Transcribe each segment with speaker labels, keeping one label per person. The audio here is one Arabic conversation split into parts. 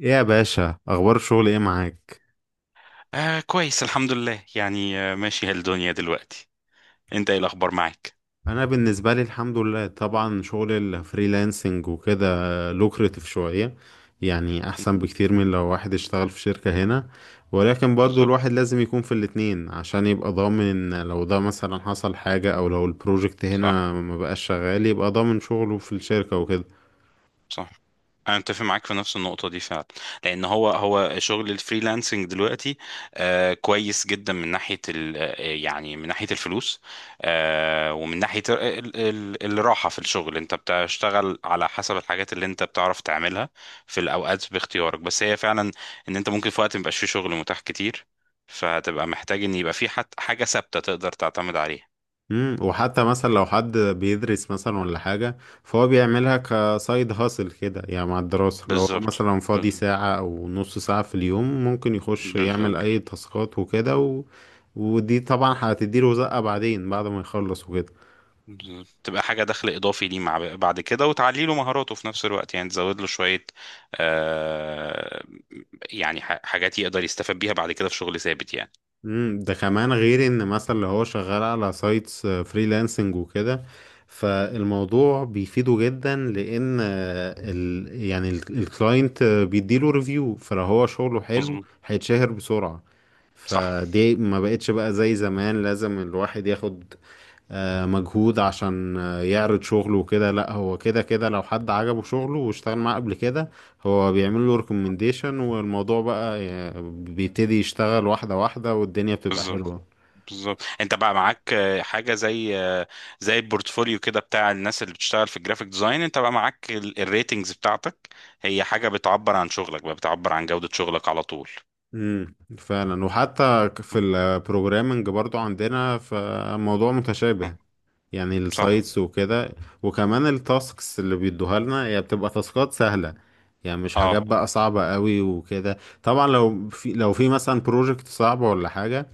Speaker 1: ايه يا باشا، اخبار الشغل ايه معاك؟
Speaker 2: آه، كويس الحمد لله، يعني آه، ماشي الدنيا دلوقتي. انت ايه الاخبار معاك؟
Speaker 1: انا بالنسبه لي الحمد لله، طبعا شغل الفريلانسنج وكده لوكريتيف شويه، يعني احسن بكتير من لو واحد اشتغل في شركه هنا. ولكن برضو
Speaker 2: بالظبط.
Speaker 1: الواحد لازم يكون في الاتنين عشان يبقى ضامن، لو ده مثلا حصل حاجه او لو البروجكت
Speaker 2: صح.
Speaker 1: هنا ما بقاش شغال يبقى ضامن شغله في الشركه وكده.
Speaker 2: صح. انا اتفق معاك في نفس النقطه دي فعلا، لان هو شغل الفريلانسنج دلوقتي آه، كويس جدا من ناحيه ال آه، يعني من ناحيه الفلوس، آه، ومن ناحيه ال الراحه في الشغل. انت بتشتغل على حسب الحاجات اللي انت بتعرف تعملها في الاوقات باختيارك، بس هي فعلا ان انت ممكن في وقت ميبقاش فيه شغل متاح كتير، فهتبقى محتاج ان يبقى في حاجه ثابته تقدر تعتمد عليها.
Speaker 1: وحتى مثلا لو حد بيدرس مثلا ولا حاجة، فهو بيعملها كسايد هاسل كده، يعني مع الدراسة لو هو
Speaker 2: بالظبط.
Speaker 1: مثلا فاضي
Speaker 2: بالظبط.
Speaker 1: ساعة أو نص ساعة في اليوم ممكن يخش يعمل
Speaker 2: بالظبط.
Speaker 1: أي تاسكات وكده. ودي طبعا هتديله زقة بعدين بعد ما يخلص وكده.
Speaker 2: تبقى حاجة دخل إضافي ليه مع بعد كده، وتعلي له مهاراته في نفس الوقت، يعني تزود له شوية آه، يعني حاجات يقدر يستفاد بيها بعد كده في شغل ثابت يعني.
Speaker 1: ده كمان غير ان مثلا اللي هو شغال على سايتس فريلانسنج وكده، فالموضوع بيفيده جدا لان آه، ال يعني الكلاينت بيديله ريفيو، فلو هو شغله حلو
Speaker 2: مظبوط.
Speaker 1: هيتشهر بسرعة.
Speaker 2: صح.
Speaker 1: فدي ما بقتش بقى زي زمان لازم الواحد ياخد مجهود عشان يعرض شغله وكده، لا هو كده كده لو حد عجبه شغله واشتغل معاه قبل كده هو بيعمل له ريكومنديشن، والموضوع بقى بيبتدي يشتغل واحدة واحدة والدنيا بتبقى
Speaker 2: بالظبط.
Speaker 1: حلوة.
Speaker 2: بالظبط، انت بقى معاك آه، حاجة زي آه، زي البورتفوليو كده بتاع الناس اللي بتشتغل في الجرافيك ديزاين، انت بقى معاك الريتنجز بتاعتك، هي حاجة بتعبر عن شغلك، بقى بتعبر عن جودة شغلك على طول.
Speaker 1: فعلا، وحتى في
Speaker 2: م-
Speaker 1: البروجرامنج برضو عندنا فموضوع
Speaker 2: م-
Speaker 1: متشابه، يعني
Speaker 2: صح.
Speaker 1: السايتس وكده. وكمان التاسكس اللي بيدوها لنا هي بتبقى تاسكات سهلة، يعني مش حاجات
Speaker 2: اه.
Speaker 1: بقى صعبة قوي وكده. طبعا لو في مثلا بروجكت صعب ولا حاجة،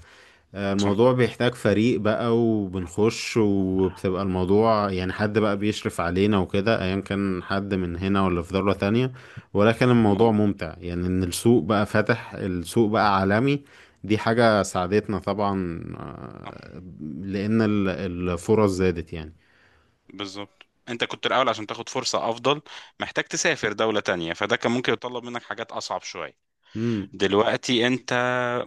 Speaker 2: صح.
Speaker 1: الموضوع بيحتاج فريق بقى وبنخش وبتبقى الموضوع يعني حد بقى بيشرف علينا وكده، ايا كان حد من هنا ولا في دولة تانية. ولكن الموضوع
Speaker 2: مظبوط.
Speaker 1: ممتع، يعني ان السوق بقى فاتح، السوق بقى عالمي. دي حاجة ساعدتنا طبعا، لان الفرص زادت يعني.
Speaker 2: بالظبط، انت كنت الاول عشان تاخد فرصة افضل محتاج تسافر دولة تانية، فده كان ممكن يطلب منك حاجات اصعب شوية. دلوقتي انت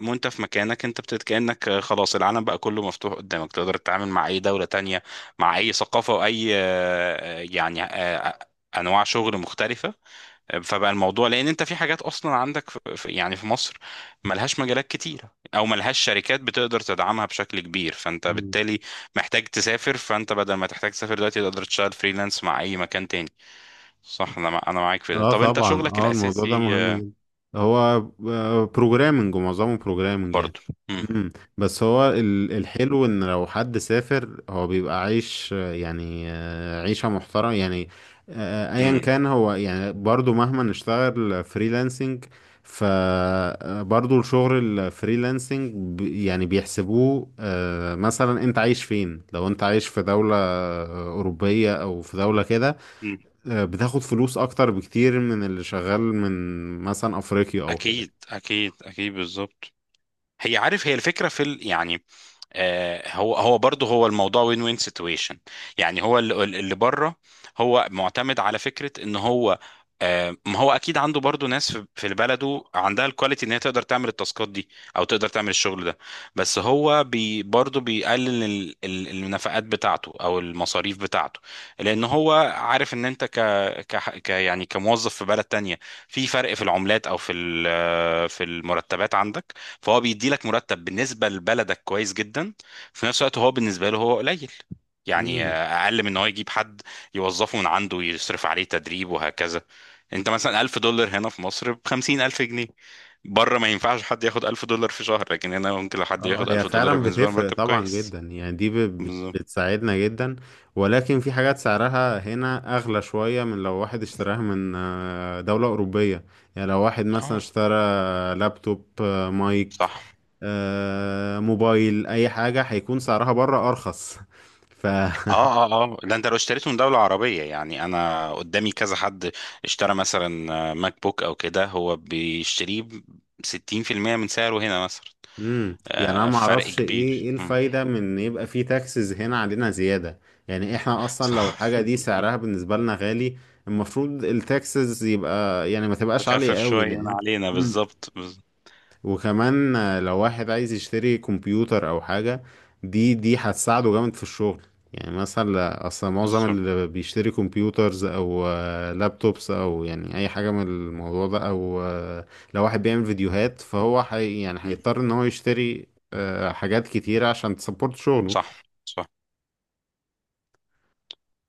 Speaker 2: وانت في مكانك انت بتت كأنك خلاص العالم بقى كله مفتوح قدامك، تقدر تتعامل مع اي دولة تانية، مع اي ثقافة، واي آه، يعني آه، آه، انواع شغل مختلفة. فبقى الموضوع، لان انت في حاجات اصلا عندك في يعني في مصر ملهاش مجالات كتيره، او ملهاش شركات بتقدر تدعمها بشكل كبير، فانت
Speaker 1: مم.
Speaker 2: بالتالي محتاج تسافر، فانت بدل ما تحتاج تسافر دلوقتي تقدر تشتغل فريلانس مع اي مكان تاني. صح. انا معاك في ده.
Speaker 1: اه
Speaker 2: طب انت
Speaker 1: طبعا،
Speaker 2: شغلك
Speaker 1: اه الموضوع ده
Speaker 2: الاساسي
Speaker 1: مهم
Speaker 2: آه،
Speaker 1: جدا. هو بروجرامنج، ومعظمه بروجرامنج يعني.
Speaker 2: برضه. مم.
Speaker 1: امم بس هو الحلو ان لو حد سافر هو بيبقى عايش، يعني عيشة محترمة يعني. ايا
Speaker 2: مم.
Speaker 1: كان هو يعني برضو مهما نشتغل فريلانسنج، فبرضو الشغل الفريلانسنج يعني بيحسبوه، مثلا انت عايش فين، لو انت عايش في دولة أوروبية او في دولة كده
Speaker 2: مم.
Speaker 1: بتاخد فلوس اكتر بكتير من اللي شغال من مثلا افريقيا او كده.
Speaker 2: اكيد، اكيد، اكيد، بالظبط. هي عارف هي الفكره في ال، يعني آه، هو برضه هو الموضوع وين وين سيتويشن، يعني هو اللي بره هو معتمد على فكره ان هو آه، ما هو اكيد عنده برضه ناس في في بلده عندها الكواليتي ان هي تقدر تعمل التاسكات دي، او تقدر تعمل الشغل ده، بس هو برضه بيقلل النفقات بتاعته او المصاريف بتاعته، لان هو عارف ان انت ك يعني كموظف في بلد تانية، في فرق في العملات، او في آه، في المرتبات عندك، فهو بيدي لك مرتب بالنسبه لبلدك كويس جدا، في نفس الوقت هو بالنسبه له هو قليل، يعني
Speaker 1: امم
Speaker 2: آه، اقل من ان هو يجيب حد يوظفه من عنده يصرف عليه تدريب وهكذا. انت مثلا 1000$ هنا في مصر ب 50000 جنيه. بره ما ينفعش حد ياخد 1000$ في شهر، لكن هنا ممكن لو حد
Speaker 1: اه،
Speaker 2: ياخد
Speaker 1: هي
Speaker 2: 1000$
Speaker 1: فعلا
Speaker 2: بالنسبه له
Speaker 1: بتفرق
Speaker 2: مرتب
Speaker 1: طبعا
Speaker 2: كويس.
Speaker 1: جدا، يعني دي
Speaker 2: بالظبط.
Speaker 1: بتساعدنا جدا. ولكن في حاجات سعرها هنا اغلى شوية من لو واحد اشتراها من دولة اوروبية. يعني لو واحد مثلا
Speaker 2: اه
Speaker 1: اشترى لابتوب، مايك،
Speaker 2: صح.
Speaker 1: موبايل، اي حاجة هيكون سعرها بره ارخص. ف
Speaker 2: اه، اه، اه، ده انت لو اشتريته من دولة عربية، يعني انا قدامي كذا حد اشترى مثلا ماك بوك او كده، هو بيشتريه ب 60% من سعره هنا مثلا.
Speaker 1: يعني انا
Speaker 2: آه،
Speaker 1: ما
Speaker 2: فرق
Speaker 1: اعرفش ايه
Speaker 2: كبير.
Speaker 1: ايه
Speaker 2: مم.
Speaker 1: الفايده من ان يبقى في تاكسز هنا علينا زياده. يعني احنا اصلا لو
Speaker 2: صح.
Speaker 1: الحاجه دي سعرها بالنسبه لنا غالي، المفروض التاكسز يبقى يعني ما تبقاش عاليه
Speaker 2: تخفف
Speaker 1: قوي
Speaker 2: شوية من
Speaker 1: لان،
Speaker 2: علينا بالظبط
Speaker 1: وكمان لو واحد عايز يشتري كمبيوتر او حاجة دي هتساعده جامد في الشغل. يعني مثلا اصلا معظم
Speaker 2: بالظبط.
Speaker 1: اللي بيشتري كمبيوترز او لابتوبس او يعني اي حاجة من الموضوع ده او لو واحد بيعمل فيديوهات فهو حي، يعني
Speaker 2: مم.
Speaker 1: هيضطر ان هو يشتري حاجات كتيرة عشان تسبورت شغله.
Speaker 2: صح. صح.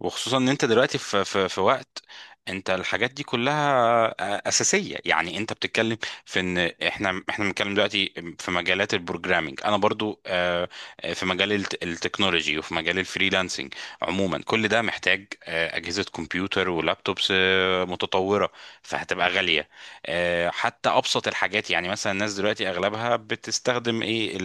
Speaker 2: وخصوصا ان انت دلوقتي في وقت انت الحاجات دي كلها اساسيه، يعني انت بتتكلم في ان احنا بنتكلم دلوقتي في مجالات البروجرامينج. انا برضو آه، آه، في مجال التكنولوجي، وفي مجال الفريلانسنج عموما، كل ده محتاج آه، اجهزه كمبيوتر ولابتوبس آه، متطوره، فهتبقى غاليه. آه، حتى ابسط الحاجات، يعني مثلا الناس دلوقتي اغلبها بتستخدم ايه؟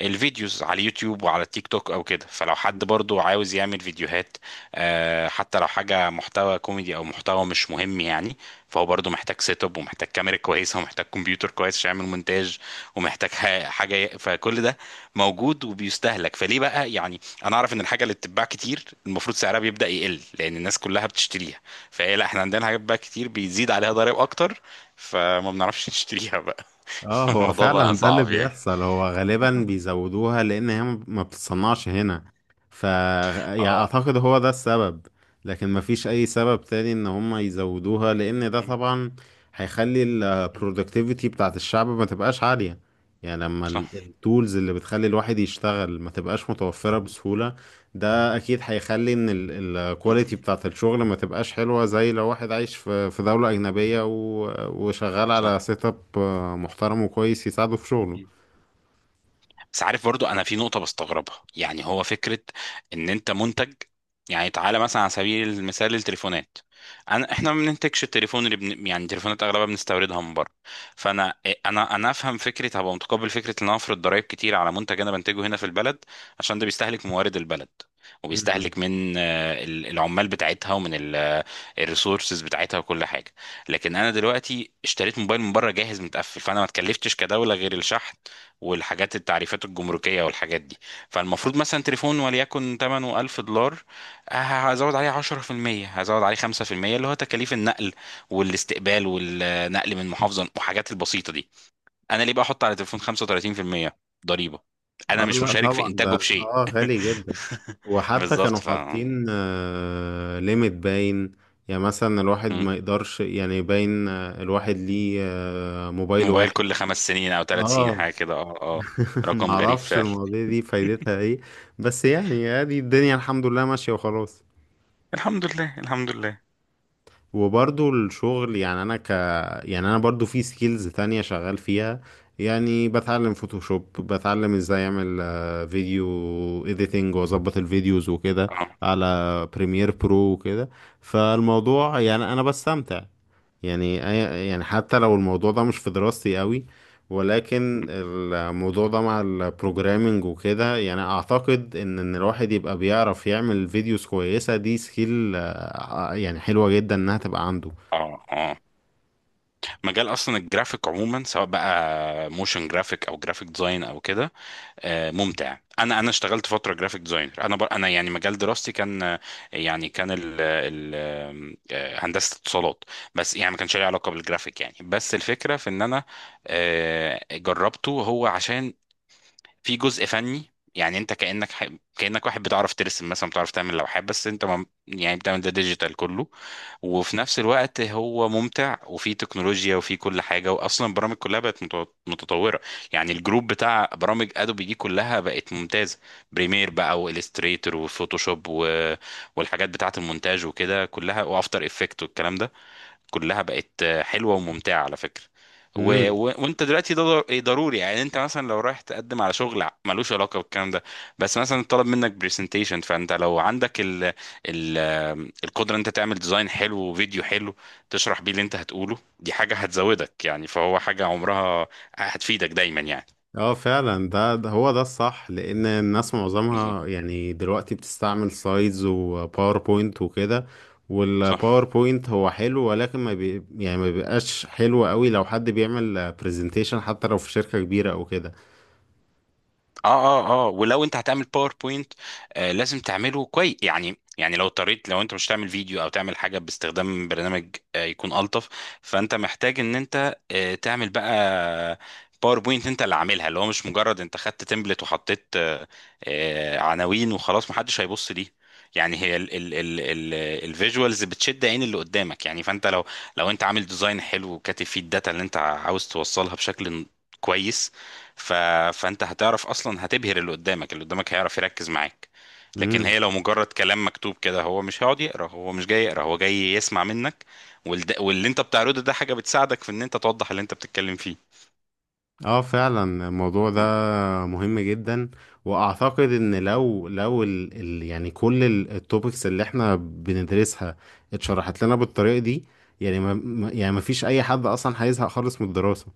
Speaker 2: الفيديوز على اليوتيوب وعلى التيك توك او كده. فلو حد برضو عاوز يعمل فيديوهات آه، حتى لو حاجة محتوى كوميدي او محتوى مش مهم يعني، فهو برضو محتاج سيت اب، ومحتاج كاميرا كويسة ومحتاج كمبيوتر كويس عشان يعمل مونتاج، ومحتاج فكل ده موجود وبيستهلك. فليه بقى يعني، انا اعرف ان الحاجة اللي بتتباع كتير المفروض سعرها بيبدأ يقل لان الناس كلها بتشتريها، فهي لا، احنا عندنا حاجات بقى كتير بيزيد عليها ضرائب اكتر، فما بنعرفش نشتريها بقى.
Speaker 1: اه هو
Speaker 2: الموضوع بقى
Speaker 1: فعلا ده اللي
Speaker 2: صعب يعني.
Speaker 1: بيحصل، هو غالبا بيزودوها لان هي ما بتتصنعش هنا. يعني
Speaker 2: اه.
Speaker 1: اعتقد هو ده السبب، لكن ما فيش اي سبب تاني ان هم يزودوها، لان ده طبعا هيخلي البرودكتيفيتي بتاعت الشعب ما تبقاش عالية. يعني لما
Speaker 2: صح.
Speaker 1: التولز اللي بتخلي الواحد يشتغل ما تبقاش متوفرة بسهولة، ده اكيد هيخلي ان
Speaker 2: مم.
Speaker 1: الكواليتي بتاعت الشغل ما تبقاش حلوة، زي لو واحد عايش في دولة اجنبية وشغال
Speaker 2: صح.
Speaker 1: على سيت اب محترم وكويس يساعده في شغله.
Speaker 2: مم. بس عارف برضو انا في نقطة بستغربها، يعني هو فكرة ان انت منتج. يعني تعالى مثلا على سبيل المثال التليفونات، احنا ما بننتجش التليفون اللي يعني التليفونات اغلبها بنستوردها من بره. فانا إيه، انا انا افهم فكرة هبقى متقبل فكرة ان انا افرض ضرائب كتير على منتج انا بنتجه هنا في البلد، عشان ده بيستهلك موارد البلد،
Speaker 1: مم.
Speaker 2: وبيستهلك من آه، العمال بتاعتها، ومن الريسورسز بتاعتها، وكل حاجة. لكن انا دلوقتي اشتريت موبايل من بره جاهز متقفل، فانا ما اتكلفتش كدولة غير الشحن والحاجات التعريفات الجمركية والحاجات دي. فالمفروض مثلا تليفون وليكن ثمنه 1000$، ه- هزود عليه 10%، هزود عليه 5% اللي هو تكاليف النقل والاستقبال والنقل من محافظة وحاجات البسيطة دي، انا ليه بقى احط على تليفون 35% ضريبة انا
Speaker 1: اه
Speaker 2: مش
Speaker 1: لا
Speaker 2: مشارك في
Speaker 1: طبعا، ده
Speaker 2: انتاجه بشيء؟
Speaker 1: اه غالي جدا. وحتى
Speaker 2: بالظبط.
Speaker 1: كانوا
Speaker 2: ف،
Speaker 1: حاطين ليميت باين، يعني مثلا الواحد
Speaker 2: مم.
Speaker 1: ما يقدرش، يعني باين الواحد ليه موبايل
Speaker 2: موبايل
Speaker 1: واحد.
Speaker 2: كل 5 سنين او 3 سنين
Speaker 1: اه.
Speaker 2: حاجة كده. اه. اه. رقم غريب
Speaker 1: معرفش
Speaker 2: فعلا.
Speaker 1: المواضيع دي فايدتها ايه. بس يعني ادي الدنيا الحمد لله ماشية وخلاص.
Speaker 2: الحمد لله. الحمد لله.
Speaker 1: وبرضو الشغل يعني انا ك يعني انا برضو في سكيلز تانية شغال فيها، يعني بتعلم فوتوشوب، بتعلم ازاي اعمل فيديو اديتنج واظبط الفيديوز وكده
Speaker 2: اه.
Speaker 1: على بريمير برو وكده. فالموضوع يعني انا بستمتع، يعني أي- يعني حتى لو الموضوع ده مش في دراستي قوي، ولكن الموضوع ده مع البروجرامينج وكده، يعني اعتقد ان الواحد يبقى بيعرف يعمل فيديوز كويسة، دي سكيل يعني حلوة جدا انها تبقى عنده.
Speaker 2: اه. اه، مجال اصلا الجرافيك عموما، سواء بقى موشن جرافيك او جرافيك ديزاين او كده آه، ممتع. انا اشتغلت فتره جرافيك ديزاينر. انا يعني مجال دراستي كان آه، يعني كان آه، هندسه اتصالات، بس يعني ما كانش ليه علاقه بالجرافيك يعني، بس الفكره في ان انا آه، جربته هو عشان في جزء فني، يعني انت كانك واحد بتعرف ترسم مثلا، بتعرف تعمل لوحات، بس انت ما... يعني بتعمل ده ديجيتال كله. وفي نفس الوقت هو ممتع، وفي تكنولوجيا، وفي كل حاجه، واصلا البرامج كلها بقت متطوره. يعني الجروب بتاع برامج ادوبي دي كلها بقت ممتازه، بريمير بقى والستريتور وفوتوشوب و، والحاجات بتاعه المونتاج وكده كلها، وافتر افكت والكلام ده، كلها بقت حلوه وممتعه على فكره.
Speaker 1: امم
Speaker 2: وانت دلوقتي ده ضروري، يعني انت مثلا لو رايح تقدم على شغل ملوش علاقه بالكلام ده، بس مثلا طلب منك برزنتيشن، فانت لو عندك ال... القدره ان انت تعمل ديزاين حلو وفيديو حلو تشرح بيه اللي انت هتقوله، دي حاجه هتزودك يعني، فهو حاجه عمرها هتفيدك دايما يعني.
Speaker 1: اه فعلا، ده هو ده الصح، لان الناس
Speaker 2: بالظبط.
Speaker 1: معظمها يعني دلوقتي بتستعمل سلايدز وباوربوينت وكده.
Speaker 2: صح.
Speaker 1: والباوربوينت هو حلو، ولكن ما بي يعني ما بيبقاش حلو قوي لو حد بيعمل برزنتيشن حتى لو في شركة كبيرة او كده.
Speaker 2: اه. اه. اه، ولو انت هتعمل باوربوينت آه، لازم تعمله كويس يعني. يعني لو اضطريت، لو انت مش تعمل فيديو او تعمل حاجه باستخدام برنامج آه يكون الطف، فانت محتاج ان انت آه، تعمل بقى باوربوينت انت اللي عاملها، اللي هو مش مجرد انت خدت تمبلت وحطيت آه، آه، عناوين وخلاص محدش هيبص ليه. يعني هي ال ال ال ال الفيجوالز بتشد عين اللي قدامك يعني، فانت لو، لو انت عامل ديزاين حلو وكاتب فيه الداتا اللي انت عاوز توصلها بشكل كويس، ف... فانت هتعرف اصلا هتبهر اللي قدامك، اللي قدامك هيعرف يركز معاك. لكن هي لو مجرد كلام مكتوب كده، هو مش هيقعد يقرا، هو مش جاي يقرا، هو جاي يسمع منك، واللي انت بتعرضه ده حاجة بتساعدك في ان انت توضح اللي انت بتتكلم فيه.
Speaker 1: اه فعلا الموضوع ده
Speaker 2: مم.
Speaker 1: مهم جدا، واعتقد ان لو ال يعني كل التوبكس اللي احنا بندرسها اتشرحت لنا بالطريقه دي، يعني يعني ما فيش اي حد اصلا هيزهق خالص من الدراسه.